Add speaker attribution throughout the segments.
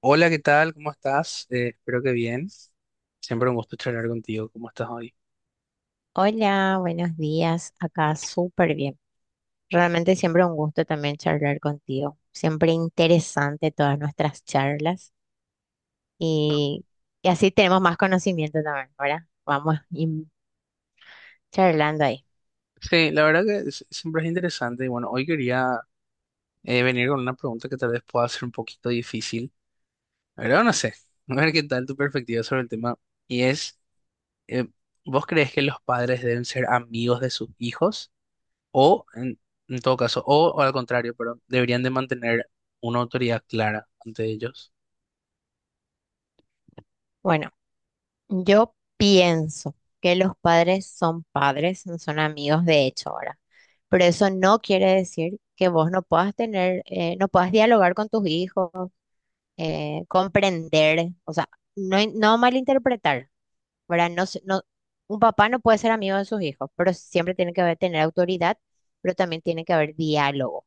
Speaker 1: Hola, ¿qué tal? ¿Cómo estás? Espero que bien. Siempre un gusto charlar contigo. ¿Cómo estás hoy?
Speaker 2: Hola, buenos días. Acá súper bien. Realmente siempre un gusto también charlar contigo. Siempre interesante todas nuestras charlas y, y así tenemos más conocimiento también, ¿verdad? Vamos charlando ahí.
Speaker 1: Sí, la verdad que siempre es interesante. Y bueno, hoy quería venir con una pregunta que tal vez pueda ser un poquito difícil, pero no sé. A ver qué tal tu perspectiva sobre el tema. Y es, eh, ¿Vos crees que los padres deben ser amigos de sus hijos? O, en, en todo caso, o al contrario, pero deberían de mantener una autoridad clara ante ellos.
Speaker 2: Bueno, yo pienso que los padres son padres, no son amigos de hecho ahora. Pero eso no quiere decir que vos no puedas tener, no puedas dialogar con tus hijos, comprender, o sea, no malinterpretar. ¿Verdad? No, no, un papá no puede ser amigo de sus hijos, pero siempre tiene que haber, tener autoridad, pero también tiene que haber diálogo.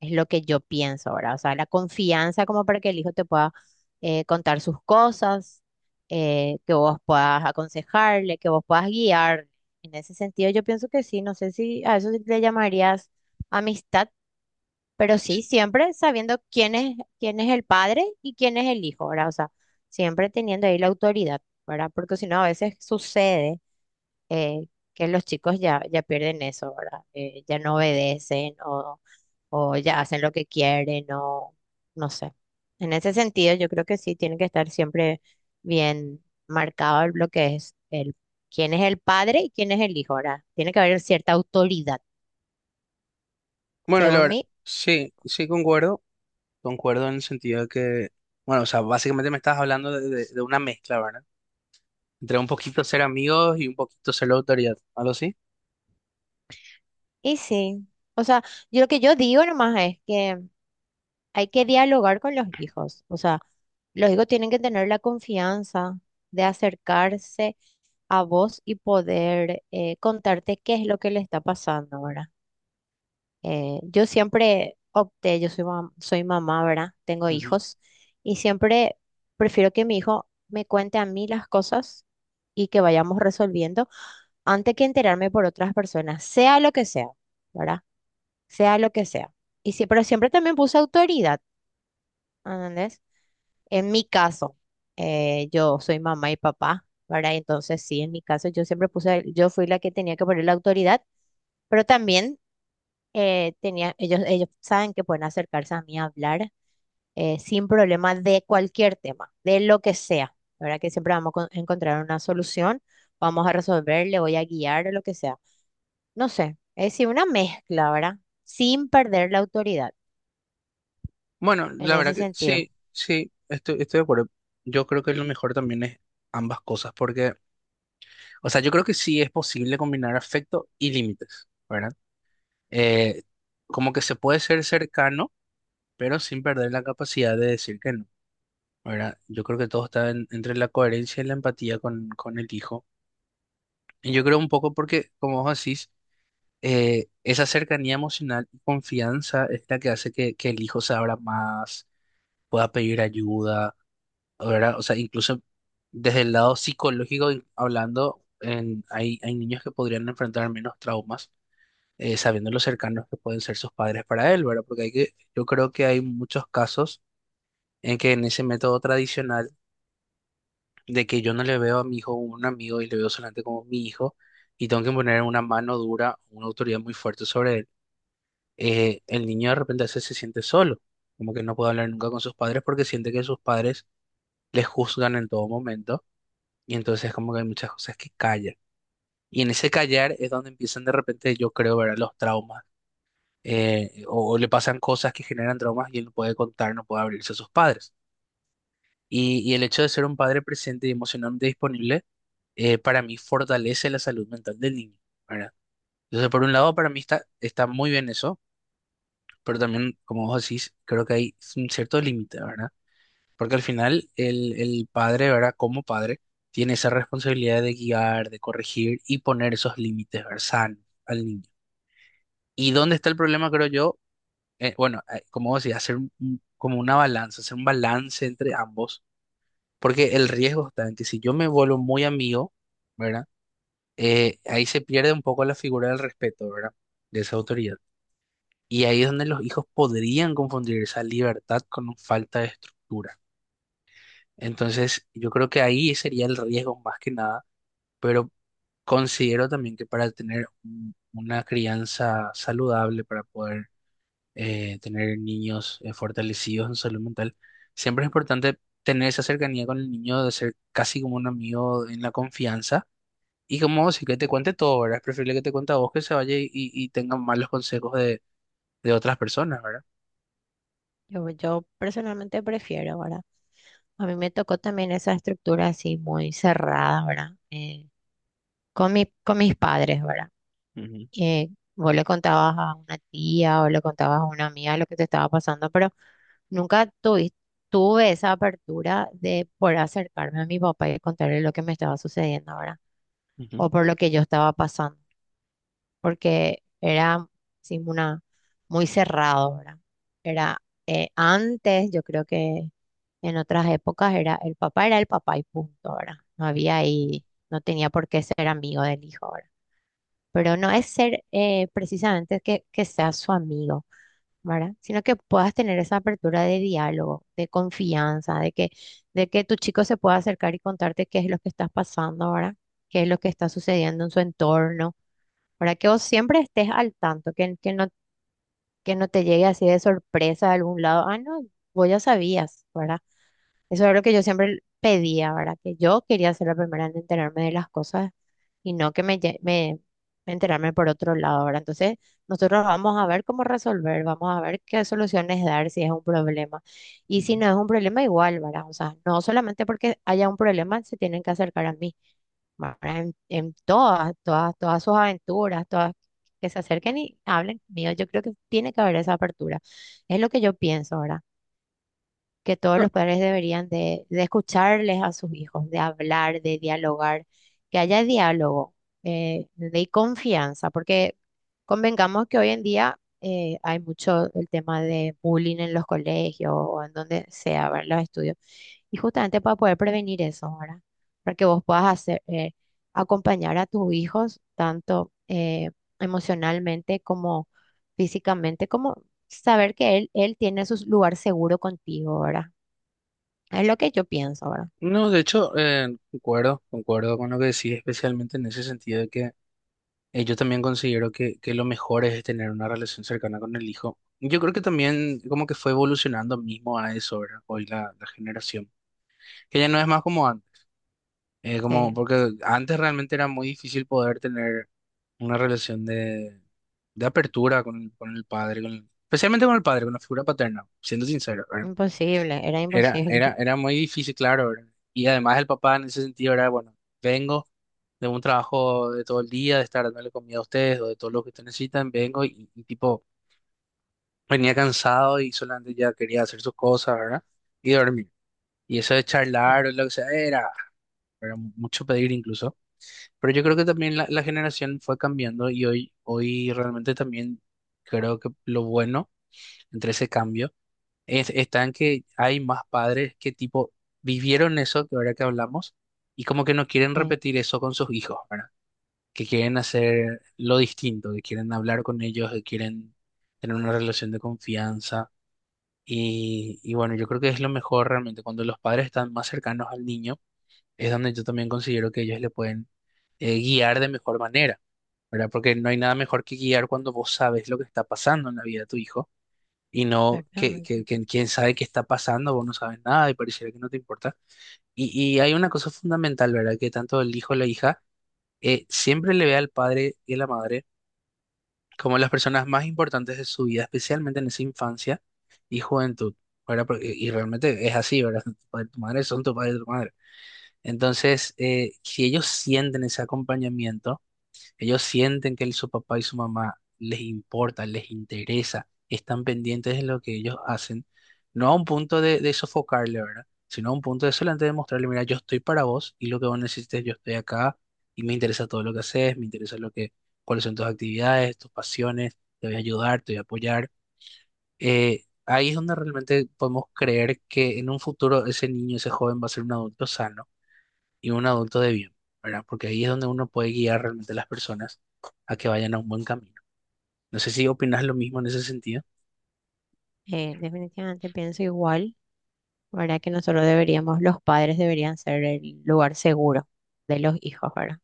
Speaker 2: Es lo que yo pienso, ¿verdad? O sea, la confianza como para que el hijo te pueda contar sus cosas, que vos puedas aconsejarle, que vos puedas guiar. En ese sentido, yo pienso que sí, no sé si a eso le llamarías amistad, pero sí, siempre sabiendo quién es el padre y quién es el hijo, ¿verdad? O sea, siempre teniendo ahí la autoridad, ¿verdad? Porque si no, a veces sucede eh, que los chicos ya pierden eso, ¿verdad? Ya no obedecen o ya hacen lo que quieren o no sé. En ese sentido, yo creo que sí tiene que estar siempre bien marcado lo que es el, quién es el padre y quién es el hijo, ¿verdad? Tiene que haber cierta autoridad,
Speaker 1: Bueno, la
Speaker 2: según
Speaker 1: verdad,
Speaker 2: mi.
Speaker 1: sí, sí concuerdo. Concuerdo en el sentido de que, bueno, o sea, básicamente me estás hablando de una mezcla, ¿verdad? Entre un poquito ser amigos y un poquito ser la autoridad, algo así.
Speaker 2: Y sí, o sea, yo lo que yo digo nomás es que hay que dialogar con los hijos, o sea, los hijos tienen que tener la confianza de acercarse a vos y poder contarte qué es lo que le está pasando ahora. Yo siempre opté, yo soy, soy mamá, ¿verdad? Tengo
Speaker 1: Ujú.
Speaker 2: hijos y siempre prefiero que mi hijo me cuente a mí las cosas y que vayamos resolviendo antes que enterarme por otras personas, sea lo que sea, ¿verdad? Sea lo que sea. Y sí, pero siempre también puse autoridad, ¿entendés? En mi caso, yo soy mamá y papá, ¿verdad? Entonces, sí, en mi caso yo siempre puse, yo fui la que tenía que poner la autoridad, pero también tenía, ellos saben que pueden acercarse a mí a hablar sin problema de cualquier tema, de lo que sea, ¿verdad? Que siempre vamos a encontrar una solución, vamos a resolver, le voy a guiar, lo que sea. No sé, es decir, una mezcla, ¿verdad? Sin perder la autoridad
Speaker 1: Bueno,
Speaker 2: en
Speaker 1: la verdad
Speaker 2: ese
Speaker 1: que
Speaker 2: sentido.
Speaker 1: sí, sí, estoy de acuerdo. Yo creo que lo mejor también es ambas cosas, porque, o sea, yo creo que sí es posible combinar afecto y límites, ¿verdad? Eh, Como que se puede ser cercano, pero sin perder la capacidad de decir que no, ¿verdad? Yo creo que todo está entre la coherencia y la empatía con el hijo. Yo creo un poco porque, como vos decís, esa cercanía emocional y confianza es la que hace que el hijo se abra más, pueda pedir ayuda, ¿verdad? O sea, incluso desde el lado psicológico y hablando, hay niños que podrían enfrentar menos traumas sabiendo lo cercanos que pueden ser sus padres para él, ¿verdad? Porque yo creo que hay muchos casos en que en ese método tradicional de que yo no le veo a mi hijo como un amigo y le veo solamente como mi hijo y tengo que poner una mano dura, una autoridad muy fuerte sobre él. El niño de repente a veces se siente solo, como que no puede hablar nunca con sus padres porque siente que sus padres le juzgan en todo momento, y entonces como que hay muchas cosas que callan. Y en ese callar es donde empiezan de repente, yo creo, ver los traumas. O le pasan cosas que generan traumas y él no puede contar, no puede abrirse a sus padres. Y el hecho de ser un padre presente y emocionalmente disponible, para mí fortalece la salud mental del niño, ¿verdad? Entonces, por un lado, para mí está muy bien eso, pero también, como vos decís, creo que hay un cierto límite, ¿verdad? Porque al final el padre, ¿verdad? Como padre, tiene esa responsabilidad de guiar, de corregir y poner esos límites, ¿verdad? Sanos al niño. ¿Y dónde está el problema, creo yo? Bueno, como vos decís, hacer como una balanza, hacer un balance entre ambos, porque el riesgo está en que si yo me vuelvo muy amigo, ¿verdad? Ahí se pierde un poco la figura del respeto, ¿verdad? De esa autoridad. Y ahí es donde los hijos podrían confundir esa libertad con un falta de estructura. Entonces, yo creo que ahí sería el riesgo más que nada, pero considero también que para tener una crianza saludable, para poder tener niños fortalecidos en salud mental, siempre es importante tener esa cercanía con el niño, de ser casi como un amigo en la confianza. Y como sí que te cuente todo, ¿verdad? Es preferible que te cuente a vos que se vaya y, tenga malos consejos de otras personas, ¿verdad?
Speaker 2: Yo personalmente prefiero, ¿verdad? A mí me tocó también esa estructura así muy cerrada, ¿verdad? Con mis padres, ¿verdad?
Speaker 1: Ujú,
Speaker 2: Eh, vos le contabas a una tía o le contabas a una amiga lo que te estaba pasando, pero nunca tuvi- tuve esa apertura de poder acercarme a mi papá y contarle lo que me estaba sucediendo, ¿verdad?
Speaker 1: ujú,
Speaker 2: O por lo que yo estaba pasando. Porque era sí, una, muy cerrado, ¿verdad? Era antes, yo creo que en otras épocas era el papá y punto, ¿verdad? No había
Speaker 1: ujú,
Speaker 2: ahí, no tenía por qué ser amigo del hijo, ¿verdad? Pero no es ser precisamente que seas su amigo, ¿verdad? Sino que puedas tener esa apertura de diálogo, de confianza, de que tu chico se pueda acercar y contarte qué es lo que estás pasando, ¿verdad? Qué es lo que está sucediendo en su entorno para que vos siempre estés al tanto, que no te llegue así de sorpresa de algún lado. Ah, no, vos ya sabías, ¿verdad? Eso es lo que yo siempre pedía, ¿verdad? Que yo quería ser la primera en enterarme de las cosas y no que me, me enterarme por otro lado, ¿verdad? Entonces, nosotros vamos a ver cómo resolver, vamos a ver qué soluciones dar si es un problema. Y si
Speaker 1: ujú.
Speaker 2: no es un problema, igual, ¿verdad? O sea, no solamente porque haya un problema se tienen que acercar a mí, ¿verdad? En, en todas sus aventuras, todas que se acerquen y hablen mío, yo creo que tiene que haber esa apertura. Es lo que yo pienso, ¿verdad? Que todos
Speaker 1: No,
Speaker 2: los padres deberían de escucharles a sus hijos, de hablar, de dialogar, que haya diálogo, de confianza, porque convengamos que hoy en día hay mucho el tema de bullying en los colegios o en donde sea, ¿verdad? Los estudios. Y justamente para poder prevenir eso, ahora para que vos puedas hacer, acompañar a tus hijos tanto emocionalmente como físicamente, como saber que él tiene su lugar seguro contigo, ¿verdad? Es lo que yo pienso, ¿verdad?
Speaker 1: no, de hecho, concuerdo, concuerdo con lo que decís, especialmente en ese sentido de que yo también considero que lo mejor es tener una relación cercana con el hijo. Yo creo que también como que fue evolucionando mismo a eso, ¿verdad? Hoy la generación, que ya no es más como antes,
Speaker 2: Sí,
Speaker 1: como porque antes realmente era muy difícil poder tener una relación de apertura con el padre, especialmente con el padre, con la figura paterna, siendo sincero, ¿verdad?
Speaker 2: imposible, era
Speaker 1: Era,
Speaker 2: imposible.
Speaker 1: era, era muy difícil, claro, ¿verdad? Y además el papá en ese sentido era, bueno, vengo de un trabajo de todo el día, de estar dándole comida a ustedes o de todo lo que ustedes necesitan, vengo y tipo, venía cansado y solamente ya quería hacer sus cosas, ¿verdad? Y dormir. Y eso de
Speaker 2: Sí,
Speaker 1: charlar o lo que sea, era mucho pedir incluso. Pero yo creo que también la generación fue cambiando y hoy realmente también creo que lo bueno entre ese cambio está en que hay más padres que tipo vivieron eso que ahora que hablamos y como que no quieren
Speaker 2: sí,
Speaker 1: repetir eso con sus hijos, ¿verdad? Que quieren hacer lo distinto, que quieren hablar con ellos, que quieren tener una relación de confianza. Y bueno, yo creo que es lo mejor realmente cuando los padres están más cercanos al niño es donde yo también considero que ellos le pueden guiar de mejor manera, ¿verdad? Porque no hay nada mejor que guiar cuando vos sabes lo que está pasando en la vida de tu hijo y no que,
Speaker 2: exactamente.
Speaker 1: que, que quién sabe qué está pasando, vos no sabes nada y pareciera que no te importa. Y, y hay una cosa fundamental, ¿verdad? Que tanto el hijo o la hija siempre le ve al padre y a la madre como las personas más importantes de su vida, especialmente en esa infancia y juventud, ¿verdad? Y realmente es así, ¿verdad? Tu padre y tu madre son tu padre y tu madre. Entonces, si ellos sienten ese acompañamiento, ellos sienten que su papá y su mamá les importa, les interesa, están pendientes de lo que ellos hacen, no a un punto de sofocarle, ¿verdad? Sino a un punto de solamente demostrarle, mira, yo estoy para vos y lo que vos necesites, yo estoy acá y me interesa todo lo que haces, me interesa lo que, cuáles son tus actividades, tus pasiones, te voy a ayudar, te voy a apoyar. Ahí es donde realmente podemos creer que en un futuro ese niño, ese joven va a ser un adulto sano y un adulto de bien, ¿verdad? Porque ahí es donde uno puede guiar realmente a las personas a que vayan a un buen camino. No sé si opinas lo mismo en ese sentido.
Speaker 2: Definitivamente pienso igual, ¿verdad? Que nosotros deberíamos, los padres deberían ser el lugar seguro de los hijos, ¿verdad?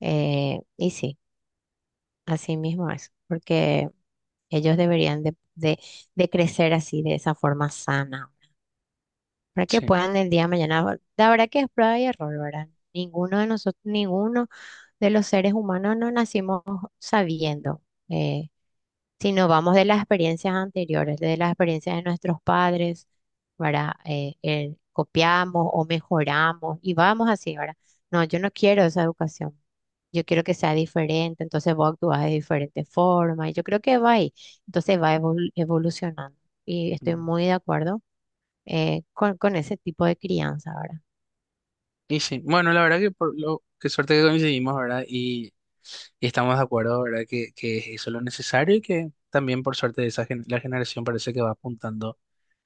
Speaker 2: Y sí, así mismo es, porque ellos deberían de crecer así, de esa forma sana, para que
Speaker 1: Sí.
Speaker 2: puedan el día de mañana. La verdad que es prueba y error, ¿verdad? Ninguno de nosotros, ninguno de los seres humanos no nacimos sabiendo, eh, sino vamos de las experiencias anteriores, de las experiencias de nuestros padres, ¿verdad? Copiamos o mejoramos y vamos así, ¿verdad? No, yo no quiero esa educación. Yo quiero que sea diferente, entonces vos actúas de diferente forma y yo creo que va ahí, entonces va evolucionando y estoy
Speaker 1: Mm.
Speaker 2: muy de acuerdo con ese tipo de crianza, ¿verdad?
Speaker 1: Y sí, bueno, la verdad que por lo qué suerte que coincidimos, ¿verdad? Y estamos de acuerdo, ¿verdad? Que es eso lo necesario y que también por suerte esa la generación parece que va apuntando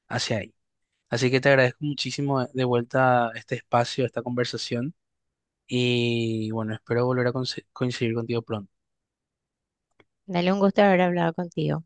Speaker 1: hacia ahí. Así que te agradezco muchísimo de vuelta este espacio, esta conversación y bueno, espero volver a coincidir contigo pronto.
Speaker 2: Dale un gusto haber hablado contigo.